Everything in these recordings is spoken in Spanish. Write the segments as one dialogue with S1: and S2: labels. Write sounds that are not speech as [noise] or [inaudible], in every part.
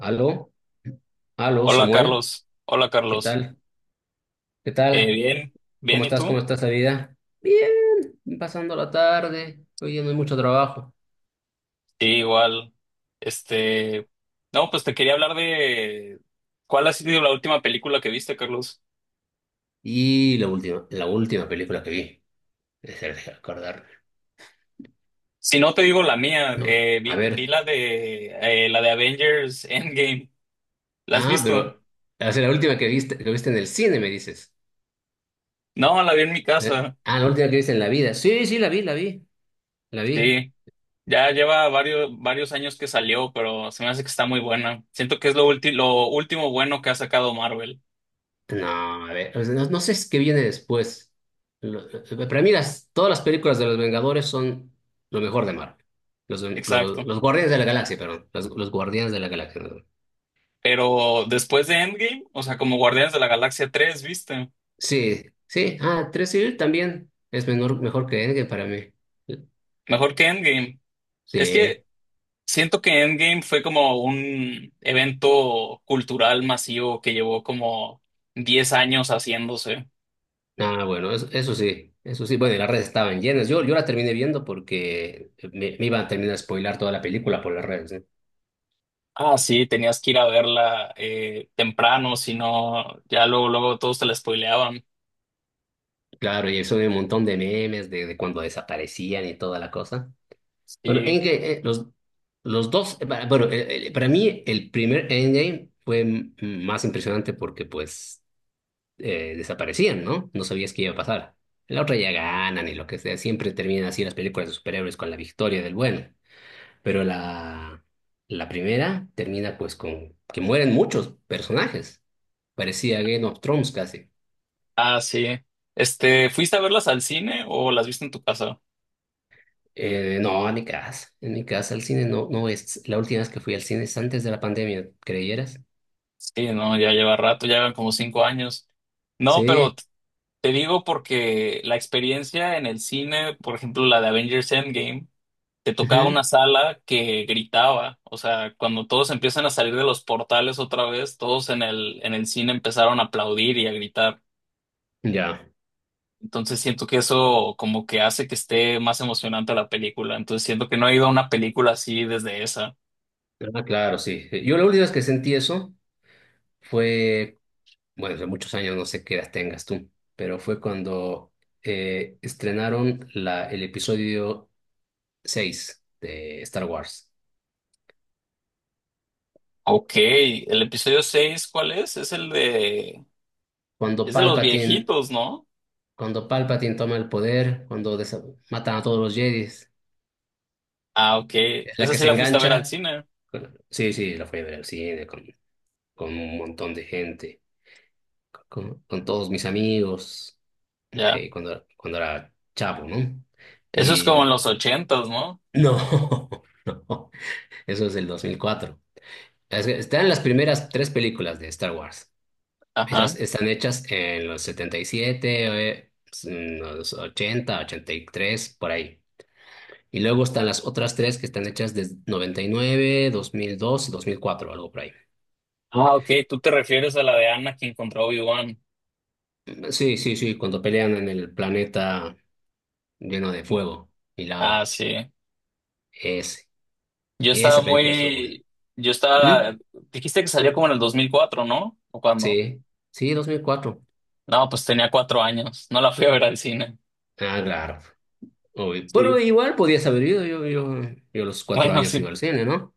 S1: Aló, aló,
S2: Hola
S1: Samuel,
S2: Carlos,
S1: ¿qué tal? ¿Qué tal?
S2: Bien,
S1: ¿Cómo
S2: bien, ¿y
S1: estás?
S2: tú?
S1: ¿Cómo estás la vida? Bien, pasando la tarde, hoy día no hay mucho trabajo.
S2: Sí, igual, este, no, pues te quería hablar de cuál ha sido la última película que viste, Carlos.
S1: Y la última película que vi, es el de acordar.
S2: Si no te digo la mía,
S1: No, a
S2: vi
S1: ver,
S2: la de Avengers Endgame, ¿la has
S1: ah,
S2: visto?
S1: pero, o sea, la última que viste en el cine, me dices.
S2: No, la vi en mi
S1: ¿Eh?
S2: casa,
S1: Ah, la última que viste en la vida. Sí, sí, la vi, la vi.
S2: sí, ya lleva varios años que salió, pero se me hace que está muy buena. Siento que es lo último bueno que ha sacado Marvel,
S1: No, a ver, pues, no, no sé es qué viene después. Lo- Para mí todas las películas de los Vengadores son lo mejor de Marvel. Los, los,
S2: exacto.
S1: los Guardianes de la Galaxia, perdón. Los Guardianes de la Galaxia, perdón.
S2: Pero después de Endgame, o sea, como Guardianes de la Galaxia 3, ¿viste?
S1: Sí, sí. Ah, 3 Civil también es mejor que Endgame para mí.
S2: Mejor que Endgame. Es que
S1: Sí.
S2: siento que Endgame fue como un evento cultural masivo que llevó como 10 años haciéndose.
S1: Ah, bueno, eso sí. Eso sí. Bueno, y las redes estaban llenas. Yo la terminé viendo porque me iban a terminar a spoilar toda la película por las redes, ¿eh?
S2: Ah, sí, tenías que ir a verla temprano, si no, ya luego todos te la spoileaban.
S1: Claro, y eso de un montón de memes de cuando desaparecían y toda la cosa. Bueno,
S2: Sí,
S1: Endgame, los, para mí el primer Endgame fue más impresionante porque pues desaparecían, ¿no? No sabías qué iba a pasar. La otra ya ganan y lo que sea, siempre terminan así las películas de superhéroes con la victoria del bueno. Pero la primera termina pues con que mueren muchos personajes. Parecía Game of Thrones casi.
S2: ah, sí. Este, ¿fuiste a verlas al cine o las viste en tu casa?
S1: No, en mi casa al cine no, no es, la última vez que fui al cine es antes de la pandemia, ¿creyeras?
S2: Sí, no, ya lleva rato, ya llevan como 5 años. No, pero
S1: Sí.
S2: te digo porque la experiencia en el cine, por ejemplo, la de Avengers Endgame, te tocaba
S1: Ujú.
S2: una sala que gritaba. O sea, cuando todos empiezan a salir de los portales otra vez, todos en el cine empezaron a aplaudir y a gritar.
S1: Ya,
S2: Entonces siento que eso como que hace que esté más emocionante la película. Entonces siento que no he ido a una película así desde esa.
S1: ah, claro, sí. Yo la última vez que sentí eso fue, bueno, hace muchos años, no sé qué edad tengas tú, pero fue cuando estrenaron el episodio 6 de Star Wars.
S2: Ok, el episodio 6, ¿cuál es? Es el de...
S1: Cuando
S2: Es de los
S1: Palpatine,
S2: viejitos, ¿no?
S1: cuando Palpatine toma el poder, matan a todos los Jedis,
S2: Ah, ok.
S1: es la
S2: Esa
S1: que
S2: sí
S1: se
S2: la fuiste a ver al
S1: engancha.
S2: cine.
S1: Sí, sí, la fui a ver al cine con un montón de gente, con todos mis amigos,
S2: Ya.
S1: cuando era chavo, ¿no?
S2: Eso es como en
S1: Y
S2: los ochentas, ¿no?
S1: No, [laughs] no, eso es del 2004. Es que están las primeras tres películas de Star Wars. Esas
S2: Ajá.
S1: están hechas en los 77, en los 80, 83 por ahí. Y luego están las otras tres que están hechas desde 99, 2002 y 2004, algo por ahí.
S2: Ah, ok, tú te refieres a la de Anna Anakin contra Obi-Wan.
S1: Sí, sí, sí, cuando pelean en el planeta lleno de fuego y lava.
S2: Ah, sí.
S1: Ese,
S2: Yo estaba
S1: esa película estuvo buena.
S2: muy... Yo
S1: ¿Mm?
S2: estaba... Dijiste que salió como en el 2004, ¿no? ¿O cuándo?
S1: Sí, sí, 2004.
S2: No, pues tenía cuatro años. No la fui a ver al cine.
S1: Ah, claro. Uy, pero
S2: Sí.
S1: igual podías haber ido, yo a los 4
S2: Bueno, [laughs]
S1: años iba
S2: sí.
S1: al cine, ¿no?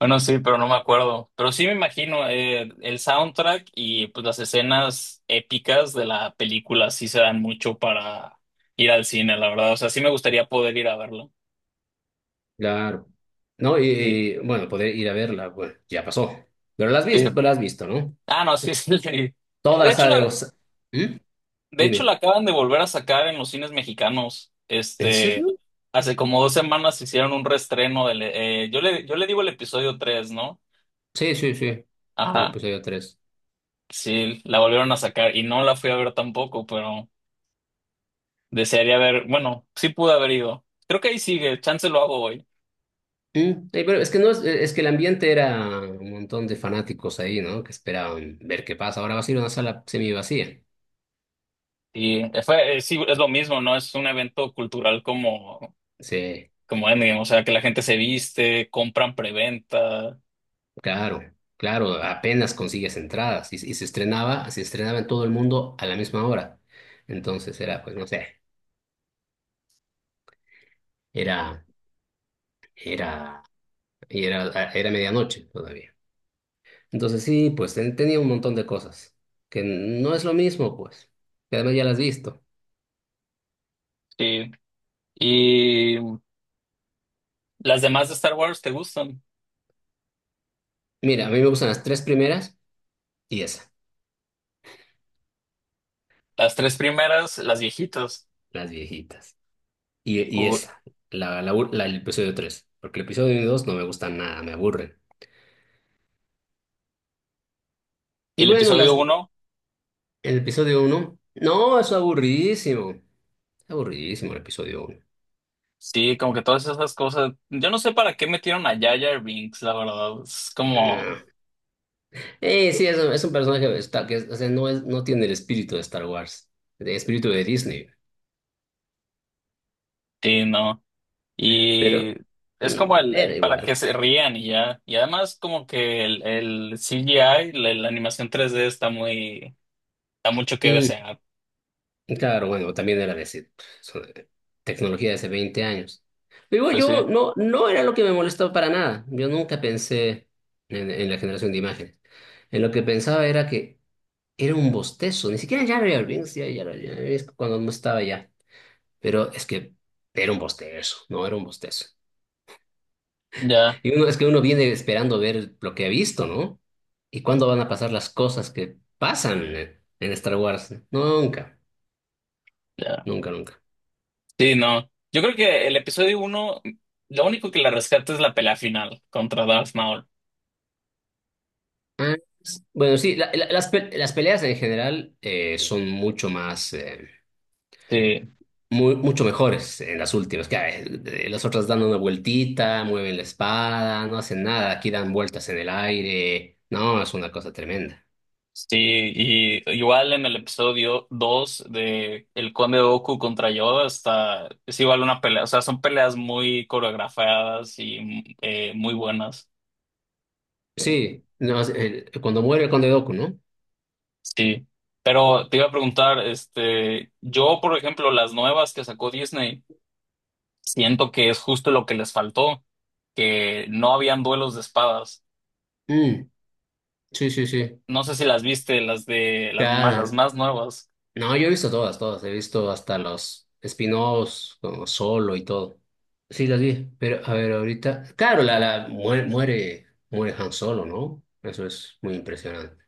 S2: Bueno, sí, pero no me acuerdo. Pero sí me imagino el soundtrack y pues las escenas épicas de la película sí se dan mucho para ir al cine, la verdad. O sea, sí me gustaría poder ir a verlo.
S1: Claro. No,
S2: Sí.
S1: bueno, poder ir a verla, bueno, ya pasó. Pero
S2: Sí.
S1: la has visto, ¿no?
S2: Ah, no, sí, sí. [laughs]
S1: Toda
S2: De
S1: la
S2: hecho,
S1: saga
S2: la,
S1: de ¿Mm?
S2: de hecho, la
S1: Dime,
S2: acaban de volver a sacar en los cines mexicanos.
S1: ¿en
S2: Este,
S1: serio?
S2: hace como dos semanas hicieron un reestreno del, yo le digo el episodio tres, ¿no?
S1: Sí, sí, sí. Sí, le
S2: Ajá.
S1: puse yo 3.
S2: Sí, la volvieron a sacar y no la fui a ver tampoco, pero desearía ver, bueno, sí pude haber ido. Creo que ahí sigue, chance lo hago hoy.
S1: ¿Mm? Pero es que no es, es que el ambiente era un montón de fanáticos ahí, ¿no? Que esperaban ver qué pasa. Ahora va a ser una sala semi vacía.
S2: Y fue, sí, es lo mismo, ¿no? Es un evento cultural como,
S1: Sí.
S2: como Endgame, o sea, que la gente se viste, compran preventa.
S1: Claro, claro, apenas consigues entradas y se estrenaba en todo el mundo a la misma hora. Entonces era, pues no sé, era, era, y era, ah, era medianoche todavía. Entonces sí, pues tenía un montón de cosas que no es lo mismo, pues, que además ya las has visto.
S2: Sí. Y ¿las demás de Star Wars te gustan?
S1: Mira, a mí me gustan las tres primeras y esa,
S2: Las tres primeras, las viejitas.
S1: las viejitas. Y
S2: O-
S1: esa, el episodio 3, porque el episodio 1 y 2 no me gustan nada, me aburren.
S2: y
S1: Y
S2: el
S1: bueno,
S2: episodio
S1: las,
S2: uno,
S1: el episodio uno, no, es aburridísimo. Aburridísimo el episodio 1.
S2: sí, como que todas esas cosas. Yo no sé para qué metieron a Jar Jar Binks, la verdad. Es como,
S1: Sí, es un personaje de Star, o sea, no, es, no tiene el espíritu de Star Wars, el espíritu de Disney,
S2: sí, no.
S1: pero
S2: Y es como
S1: mm, era
S2: para
S1: igual.
S2: que se rían y ya. Y además como que el CGI, la animación tres d está muy, da mucho que
S1: Mm,
S2: desear.
S1: claro, bueno, también era de, so- tecnología de hace 20 años. Digo,
S2: Pues sí,
S1: yo no, no era lo que me molestó para nada. Yo nunca pensé en la generación de imágenes. En lo que pensaba era que era un bostezo, ni siquiera Jar Jar Binks, ya, ya, ya, es cuando no estaba ya. Pero es que era un bostezo, no era un bostezo.
S2: ya,
S1: Y uno, es que uno viene esperando ver lo que ha visto, ¿no? ¿Y cuándo van a pasar las cosas que pasan en Star Wars? Nunca,
S2: ya.
S1: nunca, nunca.
S2: Sí, no. Yo creo que el episodio uno, lo único que la rescata es la pelea final contra Darth Maul.
S1: Ah, bueno, sí, las, las peleas en general son mucho más,
S2: Sí,
S1: mucho mejores en las últimas. Que, las otras dan una vueltita, mueven la espada, no hacen nada. Aquí dan vueltas en el aire. No, es una cosa tremenda.
S2: sí, y igual en el episodio 2 de el Conde Dooku contra Yoda está, es igual una pelea, o sea, son peleas muy coreografiadas y muy buenas. eh,
S1: Sí, no, cuando muere el Conde Dooku, ¿no?
S2: sí, pero te iba a preguntar, yo, por ejemplo, las nuevas que sacó Disney, siento que es justo lo que les faltó, que no habían duelos de espadas.
S1: Mm, sí, sí, sí.
S2: No sé si las viste, las
S1: Claro.
S2: más nuevas.
S1: No, yo he visto todas, todas. He visto hasta los spin-offs, como Solo y todo. Sí, las vi. Pero, a ver, ahorita. Claro, muere Han Solo, ¿no? Eso es muy impresionante.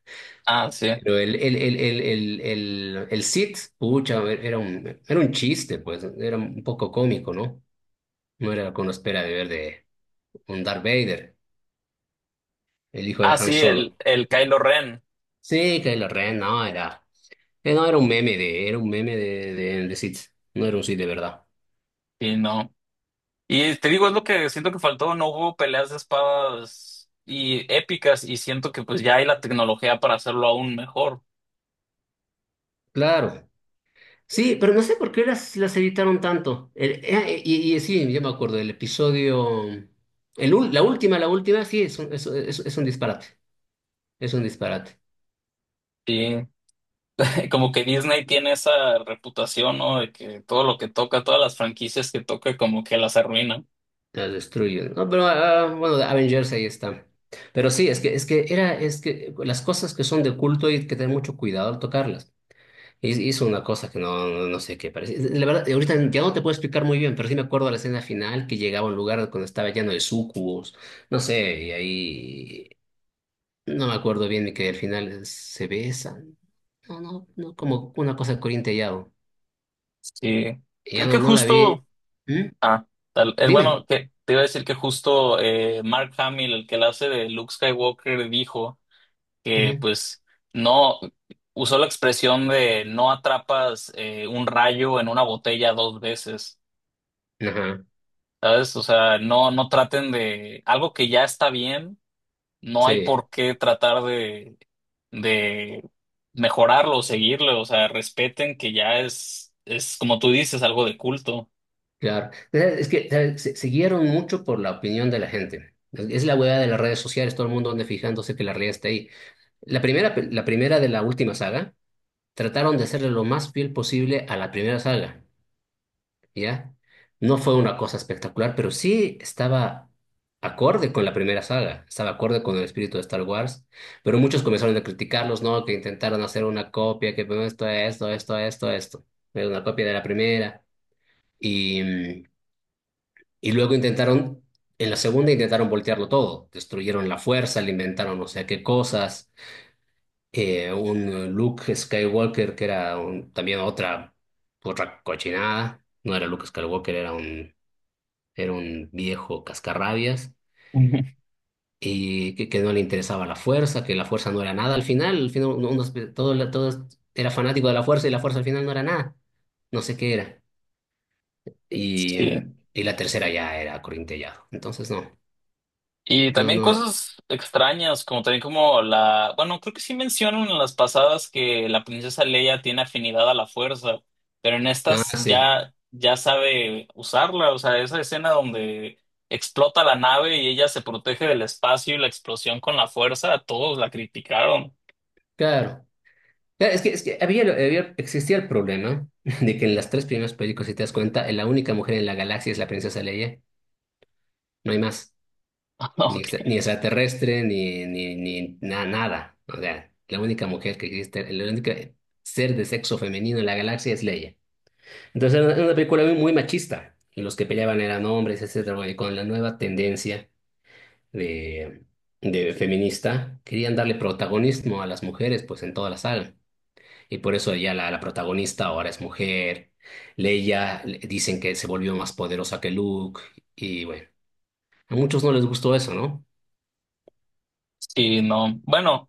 S2: Ah, sí.
S1: Pero el Sith, pucha, a ver, era un chiste, pues. Era un poco cómico, ¿no? No era con la espera de ver de un Darth Vader, el hijo de
S2: Ah,
S1: Han
S2: sí,
S1: Solo.
S2: el Kylo Ren.
S1: Sí, Kylo Ren, no, era. No, era un meme era un meme de Sith. No era un Sith de verdad.
S2: Sí, no. Y te digo, es lo que siento que faltó, no hubo peleas de espadas y épicas y siento que pues ya hay la tecnología para hacerlo aún mejor.
S1: Claro. Sí, pero no sé por qué las editaron tanto. Y sí, yo me acuerdo del episodio. El, ul- la última, sí, es un, es un disparate. Es un disparate.
S2: Y [laughs] como que Disney tiene esa reputación, ¿no? De que todo lo que toca, todas las franquicias que toca, como que las arruina.
S1: La destruyen. No, pero ah, bueno, Avengers ahí está. Pero sí, es que era, es que las cosas que son de culto hay que tener mucho cuidado al tocarlas. Hizo una cosa que no, no, no sé qué parece. La verdad, ahorita ya no te puedo explicar muy bien, pero sí me acuerdo la escena final que llegaba a un lugar cuando estaba lleno de sucubos. No sé, y ahí no me acuerdo bien y que al final se besan. No, no, no, como una cosa corintellado.
S2: Sí.
S1: Y
S2: Creo
S1: ya no,
S2: que
S1: no la vi.
S2: justo,
S1: ¿Mm?
S2: ah,
S1: Dime.
S2: que te iba a decir que justo Mark Hamill, el que la hace de Luke Skywalker, dijo que
S1: Ujú.
S2: pues no usó la expresión de no atrapas un rayo en una botella dos veces,
S1: Ajá,
S2: ¿sabes? O sea, no traten de algo que ya está bien, no hay
S1: sí,
S2: por qué tratar de mejorarlo o seguirlo, o sea, respeten que ya es como tú dices, algo de culto.
S1: claro. Es que ¿sabes? Se guiaron mucho por la opinión de la gente. Es la hueá de las redes sociales, todo el mundo anda fijándose que la realidad está ahí. La primera de la última saga trataron de hacerle lo más fiel posible a la primera saga, ¿ya? No fue una cosa espectacular, pero sí estaba acorde con la primera saga, estaba acorde con el espíritu de Star Wars, pero muchos comenzaron a criticarlos, ¿no? Que intentaron hacer una copia, que bueno, esto, era una copia de la primera, y, mm, y luego intentaron, en la segunda intentaron voltearlo todo, destruyeron la fuerza, le inventaron no sé qué cosas un Luke Skywalker que era también otra, otra cochinada. No era Luke Skywalker, era un viejo cascarrabias
S2: [laughs] Ujú.
S1: y que no le interesaba la fuerza, que la fuerza no era nada. Al final uno- uno se- todo, la- todo era fanático de la fuerza y la fuerza al final no era nada. No sé qué era. Y,
S2: Sí.
S1: y la tercera ya era corintellado. Entonces
S2: Y
S1: no,
S2: también
S1: no,
S2: cosas extrañas, como también como la, bueno, creo que sí mencionan en las pasadas que la princesa Leia tiene afinidad a la fuerza, pero en
S1: nada,
S2: estas
S1: sí.
S2: ya, ya sabe usarla, o sea, esa escena donde explota la nave y ella se protege del espacio y la explosión con la fuerza, a todos la criticaron.
S1: Claro. Claro, es que había- existía el problema [laughs] de que en las tres primeras películas, si te das cuenta, la única mujer en la galaxia es la princesa Leia. No hay más.
S2: [laughs]
S1: Ni,
S2: Ok.
S1: ni extraterrestre, ni, ni, ni na- nada. O sea, la única mujer que existe, el único ser de sexo femenino en la galaxia es Leia. Entonces era una película muy, muy machista. Y los que peleaban eran hombres, etcétera. Bueno, y con la nueva tendencia de, de feminista, querían darle protagonismo a las mujeres, pues en toda la saga. Y por eso ya la protagonista ahora es mujer. Dicen que se volvió más poderosa que Luke. Y bueno, a muchos no les gustó eso, ¿no?
S2: Sí, no. Bueno.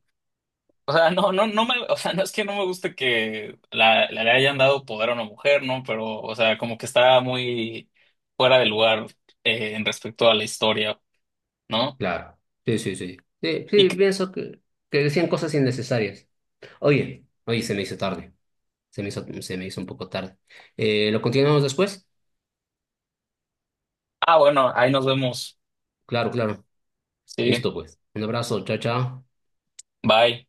S2: O sea, no me, o sea, no es que no me guste que le hayan dado poder a una mujer, ¿no? Pero, o sea, como que está muy fuera de lugar en respecto a la historia, ¿no?
S1: Claro. Sí, sí, sí. Sí,
S2: Y
S1: sí,
S2: que-
S1: pienso que decían cosas innecesarias. Oye, oye, se me hizo tarde. Se me hizo un poco tarde. ¿Lo continuamos después?
S2: ah, bueno, ahí nos vemos.
S1: Claro, claro.
S2: Sí,
S1: Listo, pues. Un abrazo. Chao, chao.
S2: bye.